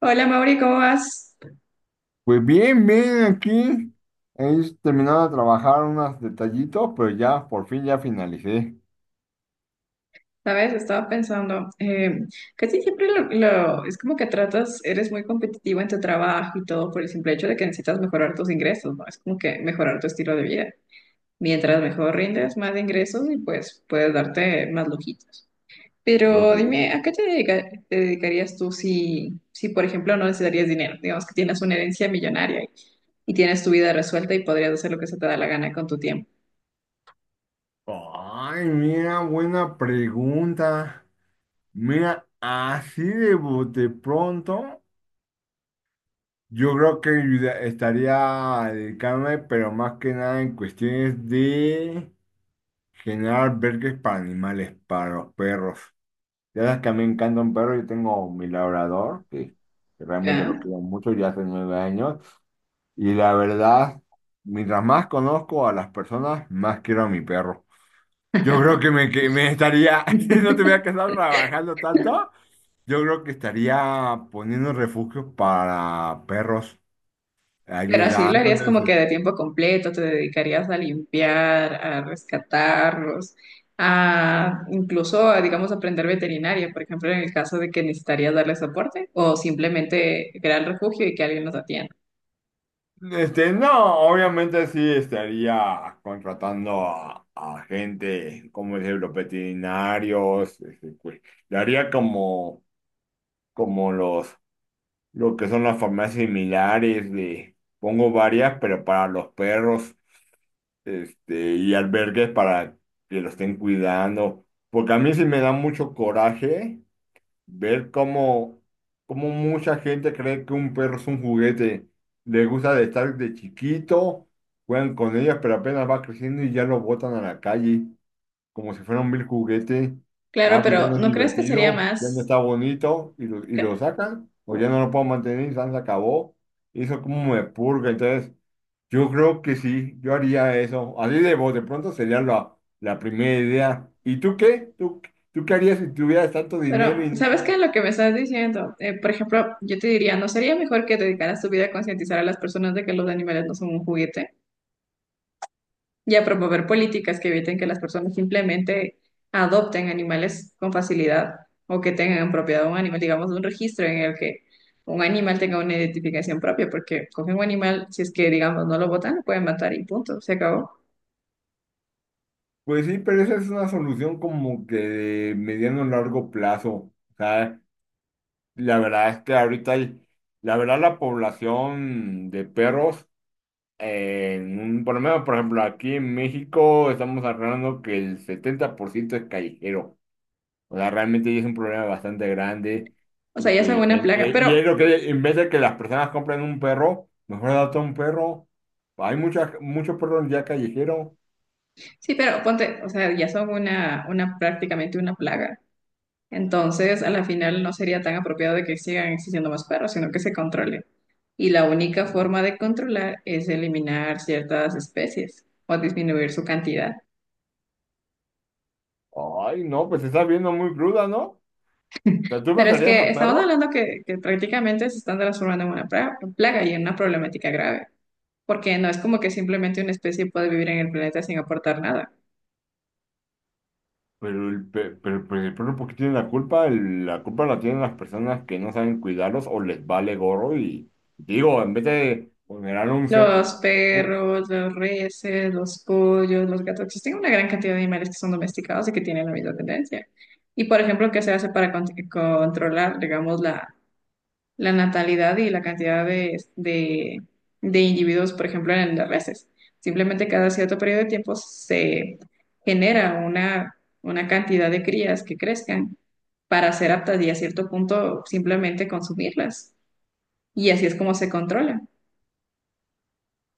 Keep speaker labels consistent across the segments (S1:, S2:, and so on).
S1: Hola Mauri, ¿cómo vas?
S2: Pues bien, bien, aquí he terminado de trabajar unos detallitos, pero ya, por fin ya finalicé.
S1: Sabes, estaba pensando, casi siempre es como que tratas, eres muy competitivo en tu trabajo y todo por el simple hecho de que necesitas mejorar tus ingresos, ¿no? Es como que mejorar tu estilo de vida. Mientras mejor rindes, más ingresos y pues puedes darte más lujitos.
S2: Dos
S1: Pero
S2: días.
S1: dime, ¿a qué te dedicarías tú si por ejemplo, no necesitarías dinero? Digamos que tienes una herencia millonaria y tienes tu vida resuelta y podrías hacer lo que se te da la gana con tu tiempo.
S2: Ay, mira, buena pregunta. Mira, así de bote pronto, yo creo que estaría a dedicarme, pero más que nada en cuestiones de generar verques para animales, para los perros. Ya sabes que a mí me encanta un perro, yo tengo mi labrador, que realmente lo
S1: ¿Ya?
S2: quiero mucho, ya hace 9 años. Y la verdad, mientras más conozco a las personas, más quiero a mi perro. Yo creo que me estaría, si no tuviera que estar trabajando tanto, yo creo que estaría poniendo refugios para perros,
S1: Pero así lo harías
S2: ayudándoles.
S1: como que de tiempo completo, te dedicarías a limpiar, a rescatarlos, a incluso, a, digamos, aprender veterinaria, por ejemplo, en el caso de que necesitarías darle soporte o simplemente crear el refugio y que alguien los atienda.
S2: No, obviamente sí estaría contratando a gente, como decirlo, veterinarios, pues, le haría como los lo que son las farmacias similares, de, pongo varias, pero para los perros, y albergues para que lo estén cuidando. Porque a mí sí me da mucho coraje ver cómo mucha gente cree que un perro es un juguete. Le gusta de estar de chiquito, juegan con ellos, pero apenas va creciendo y ya lo botan a la calle como si fuera un vil juguete.
S1: Claro,
S2: Ah, pues ya no
S1: pero
S2: es
S1: ¿no crees que sería
S2: divertido, ya no
S1: más?
S2: está bonito, y lo sacan, o ya no lo puedo mantener, y ya se acabó. Eso como me purga, entonces yo creo que sí, yo haría eso. Así de vos, de pronto sería la primera idea. ¿Y tú qué? ¿Tú qué harías si tuvieras tanto dinero
S1: Pero,
S2: y no
S1: ¿sabes
S2: tienes-?
S1: qué? Lo que me estás diciendo, por ejemplo, yo te diría, ¿no sería mejor que dedicaras tu vida a concientizar a las personas de que los animales no son un juguete y a promover políticas que eviten que las personas simplemente adopten animales con facilidad o que tengan en propiedad un animal, digamos, un registro en el que un animal tenga una identificación propia? Porque cogen un animal, si es que, digamos, no lo botan, lo pueden matar y punto, se acabó.
S2: Pues sí, pero esa es una solución como que de mediano o largo plazo. O sea, la verdad es que ahorita hay, la verdad la población de perros. En un, por lo menos, por ejemplo, aquí en México estamos hablando que el 70% es callejero. O sea, realmente ya es un problema bastante grande.
S1: O
S2: Y,
S1: sea, ya son
S2: pues,
S1: una
S2: y,
S1: plaga,
S2: y
S1: pero
S2: es lo que, en vez de que las personas compren un perro, mejor adopta un perro. Hay muchas, muchos perros ya callejeros.
S1: sí, pero ponte, o sea, ya son una prácticamente una plaga. Entonces, a la final no sería tan apropiado de que sigan existiendo más perros, sino que se controlen. Y la única forma de controlar es eliminar ciertas especies o disminuir su cantidad.
S2: Ay, no, pues se está viendo muy cruda, ¿no? O sea, ¿tú
S1: Pero es
S2: matarías
S1: que
S2: a
S1: estamos
S2: perros?
S1: hablando que prácticamente se están transformando en una plaga y en una problemática grave, porque no es como que simplemente una especie puede vivir en el planeta sin aportar nada.
S2: Pero el perro, ¿por qué tiene la culpa? La culpa la tienen las personas que no saben cuidarlos o les vale gorro y digo, en vez de poner un ser,
S1: Los
S2: un-
S1: perros, los reses, los pollos, los gatos, existen una gran cantidad de animales que son domesticados y que tienen la misma tendencia. Y, por ejemplo, ¿qué se hace para controlar, digamos, la natalidad y la cantidad de individuos, por ejemplo, en las reses? Simplemente cada cierto periodo de tiempo se genera una cantidad de crías que crezcan para ser aptas y a cierto punto simplemente consumirlas. Y así es como se controla.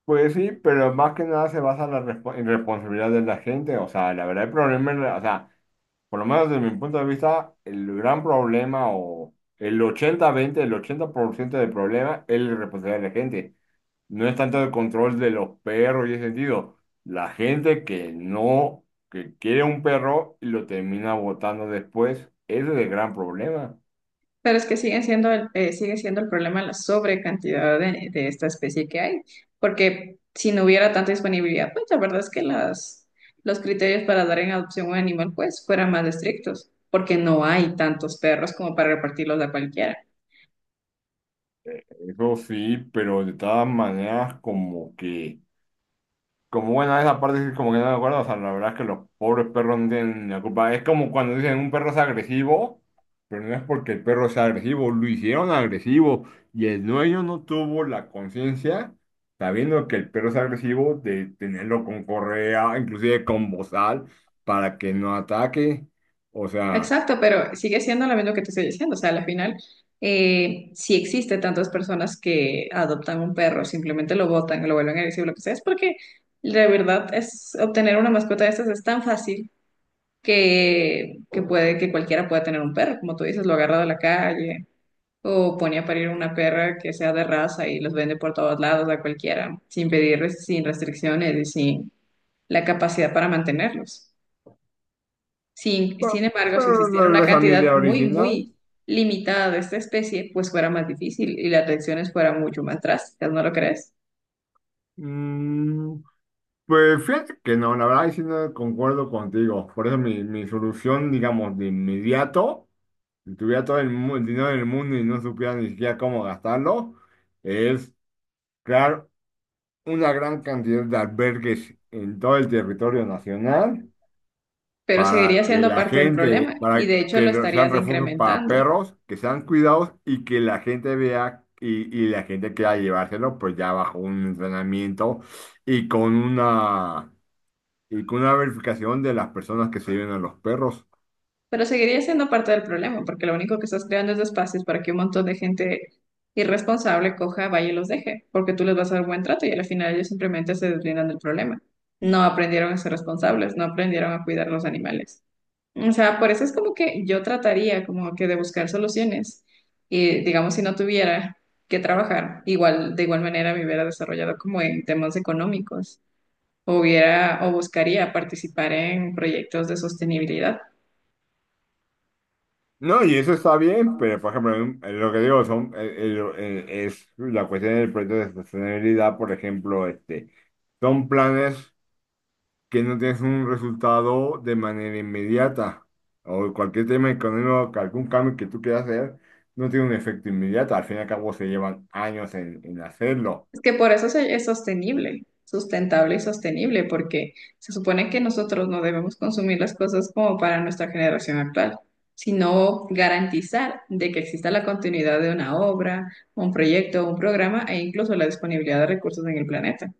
S2: pues sí, pero más que nada se basa en en responsabilidad de la gente. O sea, la verdad el problema, es la- o sea, por lo menos desde mi punto de vista, el gran problema o el 80-20 el 80% del problema es la responsabilidad de la gente. No es tanto el control de los perros y ese sentido. La gente que no, que quiere un perro y lo termina botando después, ese es el gran problema.
S1: Pero es que sigue siendo el problema la sobrecantidad de esta especie que hay, porque si no hubiera tanta disponibilidad, pues la verdad es que las, los criterios para dar en adopción un animal pues fueran más estrictos, porque no hay tantos perros como para repartirlos a cualquiera.
S2: Eso sí, pero de todas maneras como que... Como bueno, esa parte sí como que no me acuerdo, o sea, la verdad es que los pobres perros no tienen la culpa. Es como cuando dicen un perro es agresivo, pero no es porque el perro sea agresivo, lo hicieron agresivo y el dueño no tuvo la conciencia, sabiendo que el perro es agresivo, de tenerlo con correa, inclusive con bozal, para que no ataque. O sea,
S1: Exacto, pero sigue siendo lo mismo que te estoy diciendo, o sea, al final si existe tantas personas que adoptan un perro, simplemente lo botan, lo vuelven agresivo, lo que sea, es porque… La verdad es obtener una mascota de estas es tan fácil que puede que cualquiera pueda tener un perro, como tú dices, lo agarra de la calle o pone a parir una perra que sea de raza y los vende por todos lados a cualquiera, sin pedir, sin restricciones y sin la capacidad para mantenerlos. Sin,
S2: pe-
S1: sin embargo, si
S2: pero
S1: existiera una
S2: regresa a mi
S1: cantidad
S2: idea
S1: muy,
S2: original.
S1: muy limitada de esta especie, pues fuera más difícil y las reacciones fueran mucho más drásticas, ¿no lo crees?
S2: Pues fíjate que no, la verdad, sí no concuerdo contigo. Por eso mi solución, digamos, de inmediato, si tuviera todo el dinero del mundo y no supiera ni siquiera cómo gastarlo, es crear una gran cantidad de albergues en todo el territorio nacional
S1: Pero
S2: para
S1: seguiría
S2: que
S1: siendo
S2: la
S1: parte del problema
S2: gente,
S1: y de hecho lo
S2: sean
S1: estarías
S2: refugios para
S1: incrementando.
S2: perros, que sean cuidados y que la gente vea y la gente quiera llevárselo, pues ya bajo un entrenamiento y con una y con una verificación de las personas que se lleven a los perros.
S1: Pero seguiría siendo parte del problema, porque lo único que estás creando es espacios para que un montón de gente irresponsable coja, vaya y los deje, porque tú les vas a dar buen trato y al final ellos simplemente se deslindan del problema. No aprendieron a ser responsables, no aprendieron a cuidar los animales. O sea, por eso es como que yo trataría como que de buscar soluciones y digamos si no tuviera que trabajar, igual de igual manera me hubiera desarrollado como en temas económicos o hubiera o buscaría participar en proyectos de sostenibilidad.
S2: No, y eso está bien, pero por ejemplo, en lo que digo son, es la cuestión del proyecto de sostenibilidad, por ejemplo, este, son planes que no tienes un resultado de manera inmediata. O cualquier tema económico, que algún cambio que tú quieras hacer, no tiene un efecto inmediato. Al fin y al cabo se llevan años en hacerlo.
S1: Es que por eso es sostenible, sustentable y sostenible, porque se supone que nosotros no debemos consumir las cosas como para nuestra generación actual, sino garantizar de que exista la continuidad de una obra, un proyecto, un programa e incluso la disponibilidad de recursos en el planeta,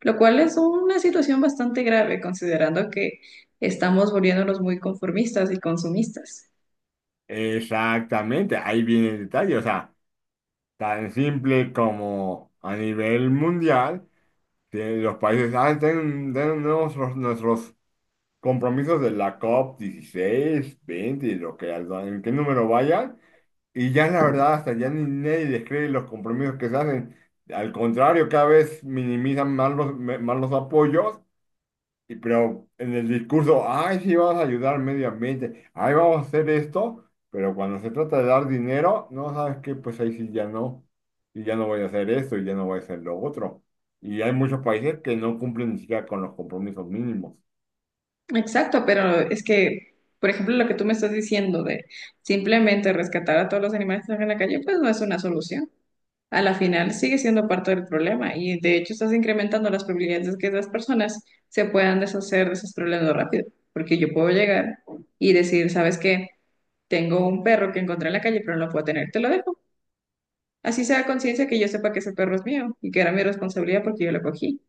S1: lo cual es una situación bastante grave considerando que estamos volviéndonos muy conformistas y consumistas.
S2: Exactamente, ahí viene el detalle. O sea, tan simple como a nivel mundial. Los países, ah, tienen, tienen nuestros, nuestros compromisos de la COP 16 20 lo que, en qué número vayan. Y ya la verdad, hasta ya ni nadie les cree los compromisos que se hacen. Al contrario, cada vez minimizan más los, más los apoyos pero en el discurso, ay, sí, vamos a ayudar al medio ambiente, ay, vamos a hacer esto, pero cuando se trata de dar dinero, no sabes qué, pues ahí sí ya no, y ya no voy a hacer esto, y ya no voy a hacer lo otro. Y hay muchos países que no cumplen ni siquiera con los compromisos mínimos.
S1: Exacto, pero es que, por ejemplo, lo que tú me estás diciendo de simplemente rescatar a todos los animales que están en la calle, pues no es una solución. A la final sigue siendo parte del problema y de hecho estás incrementando las probabilidades de que las personas se puedan deshacer de esos problemas rápido, porque yo puedo llegar y decir, ¿sabes qué? Tengo un perro que encontré en la calle, pero no lo puedo tener, te lo dejo. Así sea conciencia que yo sepa que ese perro es mío y que era mi responsabilidad porque yo lo cogí.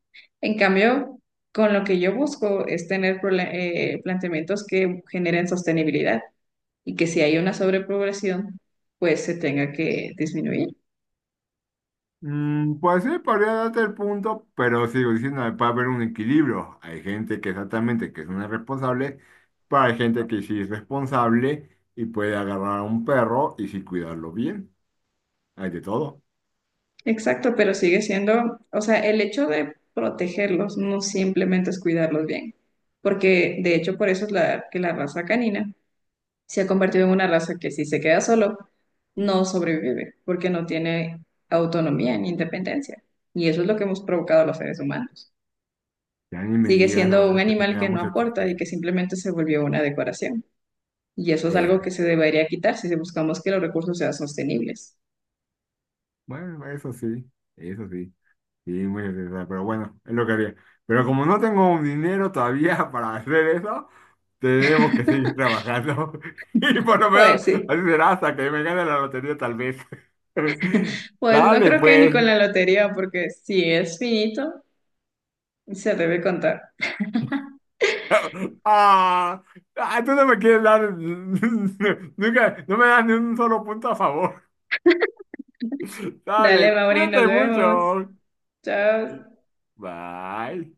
S1: En cambio, con lo que yo busco es tener planteamientos que generen sostenibilidad y que si hay una sobrepoblación, pues se tenga que disminuir.
S2: Mm, pues sí, podría darte el punto, pero sigo diciendo, puede haber un equilibrio. Hay gente que exactamente que es una responsable, pero hay gente que sí es responsable y puede agarrar a un perro y sí cuidarlo bien. Hay de todo.
S1: Exacto, pero sigue siendo, o sea, el hecho de protegerlos no simplemente es cuidarlos bien, porque de hecho por eso es la, que la raza canina se ha convertido en una raza que si se queda solo, no sobrevive porque no tiene autonomía ni independencia. Y eso es lo que hemos provocado a los seres humanos.
S2: Ya ni me
S1: Sigue
S2: digas, la
S1: siendo un
S2: verdad que sí
S1: animal
S2: me da
S1: que no
S2: mucha
S1: aporta
S2: tristeza.
S1: y que simplemente se volvió una decoración. Y eso es algo
S2: Eh,
S1: que se debería quitar si buscamos que los recursos sean sostenibles.
S2: bueno, eso sí, sí, mucha tristeza, pero bueno, es lo que haría. Pero como no tengo un dinero todavía para hacer eso, tenemos que seguir trabajando. Y por lo menos
S1: Pues sí,
S2: así será hasta que me gane la lotería tal vez.
S1: pues no
S2: Dale,
S1: creo que ni
S2: pues.
S1: con la lotería, porque si es finito, se debe contar.
S2: Ah, ah, tú no me quieres dar, nunca, no me das ni un solo punto a favor.
S1: Dale,
S2: Dale,
S1: Mauri, nos
S2: cuídate
S1: vemos.
S2: mucho.
S1: Chao.
S2: Bye.